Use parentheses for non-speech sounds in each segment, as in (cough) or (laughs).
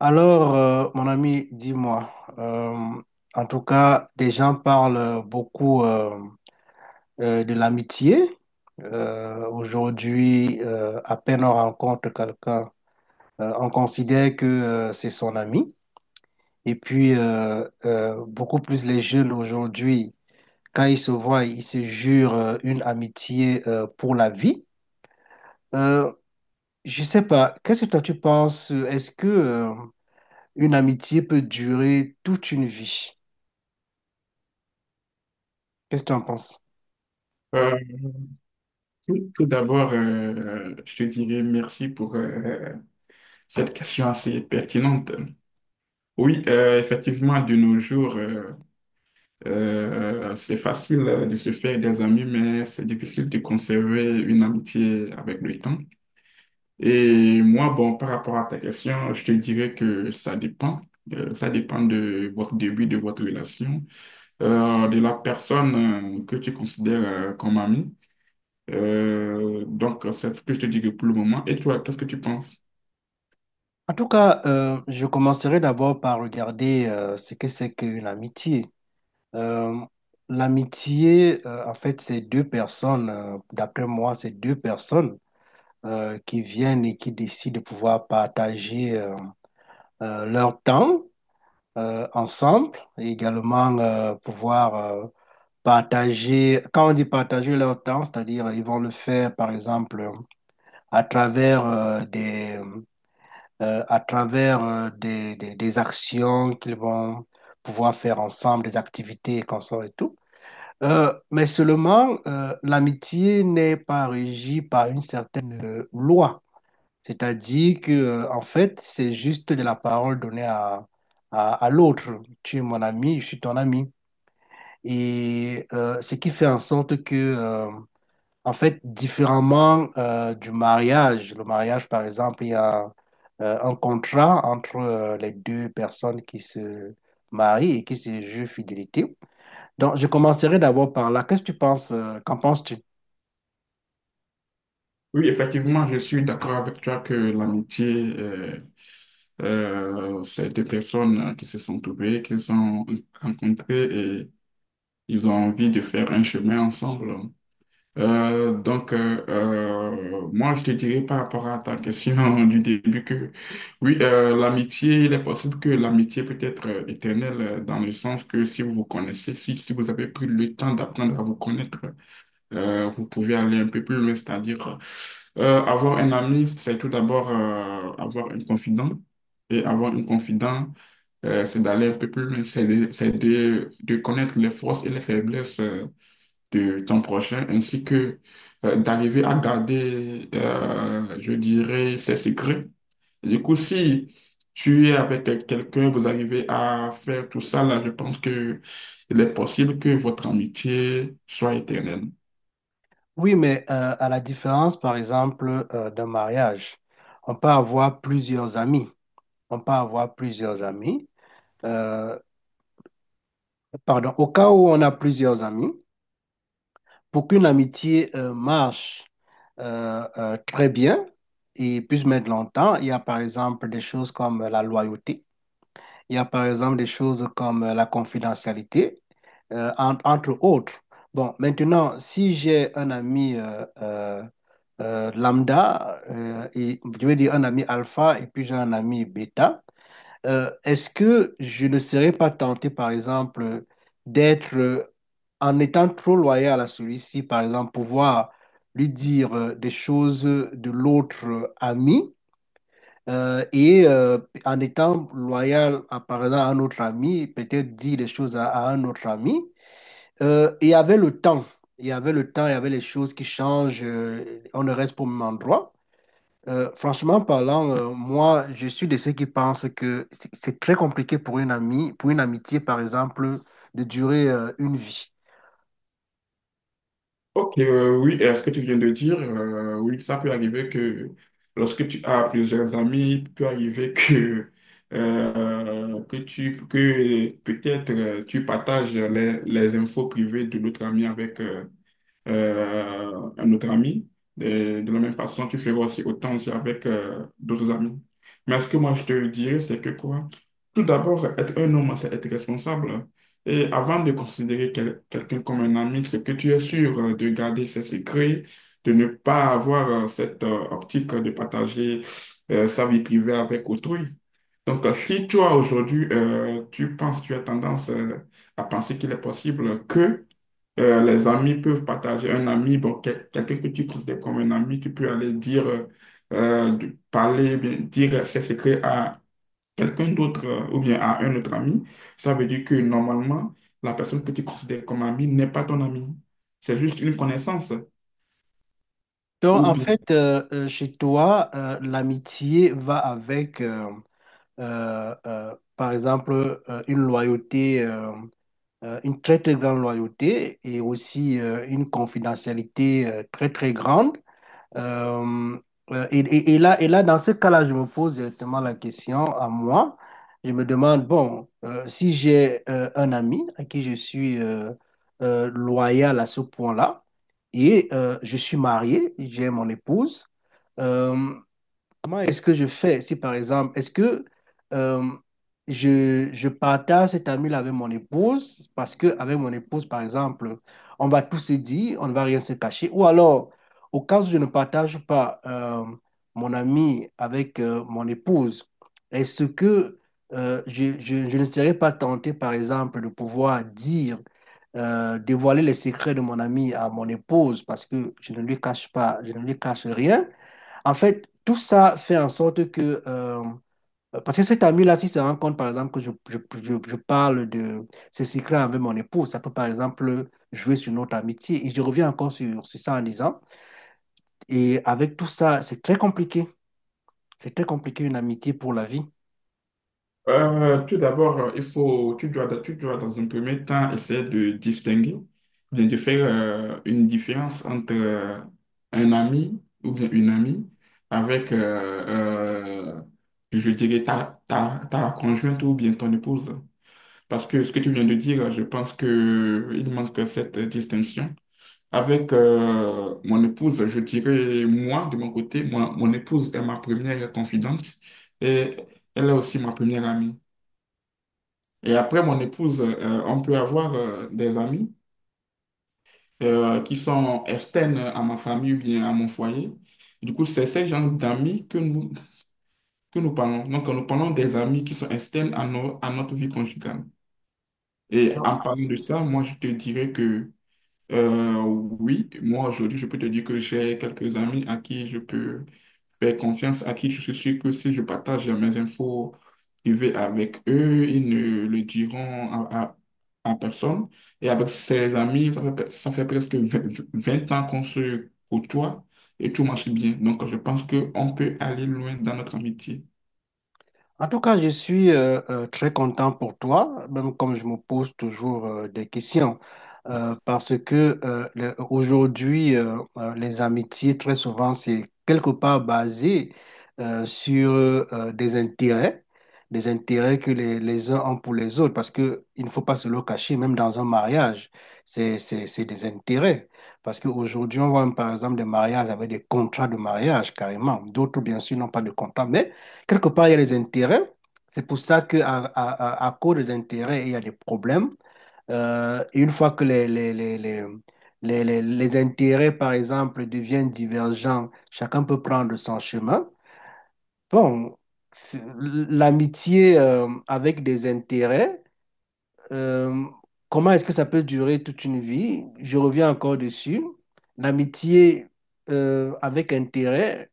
Alors, mon ami, dis-moi, euh, en tout cas, les gens parlent beaucoup de l'amitié. Aujourd'hui, à peine on rencontre quelqu'un, on considère que c'est son ami. Et puis, beaucoup plus les jeunes aujourd'hui, quand ils se voient, ils se jurent une amitié pour la vie. Euh, je sais pas, qu'est-ce que toi tu penses? Est-ce que une amitié peut durer toute une vie? Qu'est-ce que tu en penses? Euh, tout d'abord, je te dirais merci pour cette question assez pertinente. Oui, effectivement, de nos jours, c'est facile de se faire des amis, mais c'est difficile de conserver une amitié avec le temps. Et moi, bon, par rapport à ta question, je te dirais que ça dépend. Ça dépend de votre début, de votre relation, de la personne que tu considères comme amie. Donc, c'est ce que je te dirais pour le moment. Et toi, qu'est-ce que tu penses? En tout cas, je commencerai d'abord par regarder ce que c'est que l'amitié. Euh, l'amitié, en fait, c'est deux personnes, d'après moi, c'est deux personnes qui viennent et qui décident de pouvoir partager leur temps ensemble et également pouvoir partager, quand on dit partager leur temps, c'est-à-dire ils vont le faire, par exemple, à travers des à travers des actions qu'ils vont pouvoir faire ensemble, des activités et consorts et tout. Mais seulement, l'amitié n'est pas régie par une certaine loi. C'est-à-dire que, en fait, c'est juste de la parole donnée à l'autre. Tu es mon ami, je suis ton ami. Et ce qui fait en sorte que en fait, différemment du mariage, le mariage, par exemple, il y a un contrat entre les deux personnes qui se marient et qui se jurent fidélité. Donc, je commencerai d'abord par là. Qu'est-ce que tu penses? Qu'en penses-tu? Oui, effectivement, je suis d'accord avec toi que l'amitié, c'est deux personnes qui se sont trouvées, qui se sont rencontrées et ils ont envie de faire un chemin ensemble. Donc, moi, je te dirais par rapport à ta question (laughs) du début que, oui, l'amitié, il est possible que l'amitié peut être éternelle dans le sens que si vous vous connaissez, si vous avez pris le temps d'apprendre à vous connaître, vous pouvez aller un peu plus loin, c'est-à-dire avoir un ami, c'est tout d'abord avoir un confident. Et avoir un confident, c'est d'aller un peu plus loin, c'est de connaître les forces et les faiblesses de ton prochain, ainsi que d'arriver à garder, je dirais, ses secrets. Du coup, si tu es avec quelqu'un, vous arrivez à faire tout ça, là, je pense que il est possible que votre amitié soit éternelle. Oui, mais à la différence, par exemple, d'un mariage, on peut avoir plusieurs amis. On peut avoir plusieurs amis. Euh, pardon, au cas où on a plusieurs amis, pour qu'une amitié marche très bien et puisse mettre longtemps, il y a par exemple des choses comme la loyauté, il y a par exemple des choses comme la confidentialité, entre autres. Bon, maintenant, si j'ai un ami lambda, et, je veux dire un ami alpha et puis j'ai un ami bêta, est-ce que je ne serais pas tenté, par exemple, d'être, en étant trop loyal à celui-ci, par exemple, pouvoir lui dire des choses de l'autre ami euh, et euh, en étant loyal, par exemple, à un autre ami, peut-être dire des choses à un autre ami. Et avec le temps, et avec le temps, il y avait les choses qui changent, on ne reste pas au même endroit. Franchement parlant, moi, je suis de ceux qui pensent que c'est très compliqué pour une amie, pour une amitié, par exemple, de durer une vie. Ok, oui, et ce que tu viens de dire, oui, ça peut arriver que lorsque tu as plusieurs amis, il peut arriver que, que peut-être tu partages les infos privées de l'autre ami avec, un autre ami. De la même façon, tu feras aussi autant aussi avec d'autres amis. Mais ce que moi, je te dirais, c'est que quoi? Tout d'abord, être un homme, c'est être responsable. Et avant de considérer quelqu'un comme un ami, c'est que tu es sûr de garder ses secrets, de ne pas avoir cette optique de partager sa vie privée avec autrui. Donc, si toi, aujourd'hui, tu penses, tu as tendance à penser qu'il est possible que les amis peuvent partager. Un ami, bon, quelqu'un que tu considères comme un ami, tu peux aller dire, parler, bien, dire ses secrets à quelqu'un d'autre ou bien à un autre ami. Ça veut dire que normalement, la personne que tu considères comme ami n'est pas ton ami. C'est juste une connaissance. Donc, Ou en bien, fait, chez toi, l'amitié va avec, par exemple, une loyauté, une très, très grande loyauté et aussi une confidentialité très, très grande. Euh, et, et là, dans ce cas-là, je me pose directement la question à moi. Je me demande, bon, si j'ai un ami à qui je suis loyal à ce point-là, et je suis marié, j'ai mon épouse, euh, comment est-ce que je fais si, par exemple, est-ce que euh, je partage cet ami-là avec mon épouse parce que avec mon épouse, par exemple, on va tout se dire, on ne va rien se cacher. Ou alors, au cas où je ne partage pas mon ami avec mon épouse, est-ce que je ne serais pas tenté, par exemple, de pouvoir dire, dévoiler les secrets de mon ami à mon épouse parce que je ne lui cache pas, je ne lui cache rien? En fait, tout ça fait en sorte que, parce que cet ami-là, si se rend compte, par exemple, que je parle de ces secrets avec mon épouse, ça peut, par exemple, jouer sur notre amitié. Et je reviens encore sur ça en disant, et avec tout ça, c'est très compliqué. C'est très compliqué une amitié pour la vie. tout d'abord, il faut, tu dois dans un premier temps essayer de distinguer, bien de faire une différence entre un ami ou bien une amie avec, je dirais, ta conjointe ou bien ton épouse. Parce que ce que tu viens de dire, je pense que il manque cette distinction. Avec mon épouse, je dirais, moi, de mon côté, moi, mon épouse est ma première confidente et elle est aussi ma première amie. Et après, mon épouse, on peut avoir des amis qui sont externes à ma famille ou bien à mon foyer. Du coup, c'est ce genre d'amis que nous parlons. Donc, nous parlons des amis qui sont externes à, à notre vie conjugale. Et Et en parlant de ça, moi, je te dirais que oui, moi, aujourd'hui, je peux te dire que j'ai quelques amis à qui je peux faire confiance, à qui je suis sûr que si je partage mes infos privées avec eux, ils ne le diront à personne. Et avec ses amis, ça fait presque vingt ans qu'on se côtoie et tout marche bien. Donc, je pense qu'on peut aller loin dans notre amitié. en tout cas, je suis très content pour toi, même comme je me pose toujours des questions, parce que aujourd'hui, les amitiés, très souvent, c'est quelque part basé sur des intérêts que les uns ont pour les autres, parce que il ne faut pas se le cacher, même dans un mariage, c'est des intérêts. Parce qu'aujourd'hui, on voit par exemple des mariages avec des contrats de mariage carrément. D'autres, bien sûr, n'ont pas de contrat, mais quelque part, il y a les intérêts. C'est pour ça à cause des intérêts, il y a des problèmes. Et une fois que les intérêts, par exemple, deviennent divergents, chacun peut prendre son chemin. Bon, c'est- l'amitié avec des intérêts, euh, comment est-ce que ça peut durer toute une vie? Je reviens encore dessus. L'amitié avec intérêt.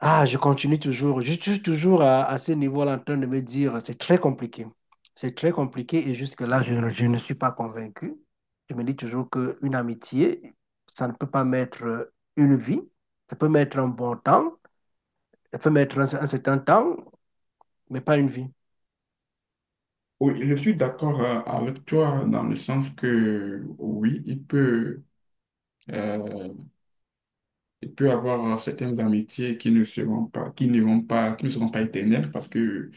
Ah, je continue toujours. Je suis toujours à ce niveau-là en train de me dire, c'est très compliqué. C'est très compliqué et jusque-là, je ne suis pas convaincu. Je me dis toujours qu'une amitié, ça ne peut pas mettre une vie. Ça peut mettre un bon temps, ça peut mettre un certain temps, mais pas une vie. Oui, je suis d'accord avec toi dans le sens que oui, il peut. euh, Il peut y avoir certaines amitiés qui ne seront pas, qui ne vont pas, qui ne seront pas éternelles parce que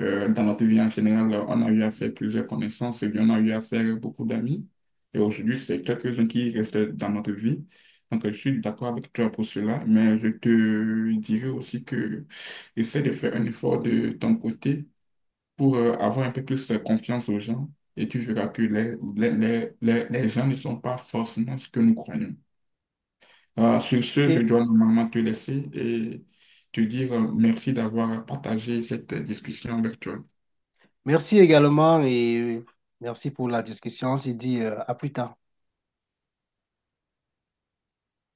dans notre vie en général, on a eu à faire plusieurs connaissances et puis on a eu à faire beaucoup d'amis. Et aujourd'hui, c'est quelques-uns qui restent dans notre vie. Donc, je suis d'accord avec toi pour cela, mais je te dirais aussi que essaie de faire un effort de ton côté pour avoir un peu plus confiance aux gens et tu verras que les gens ne sont pas forcément ce que nous croyons. Sur ce, je Ok. dois normalement te laisser et te dire merci d'avoir partagé cette discussion virtuelle. Merci également et merci pour la discussion. On se dit à plus tard.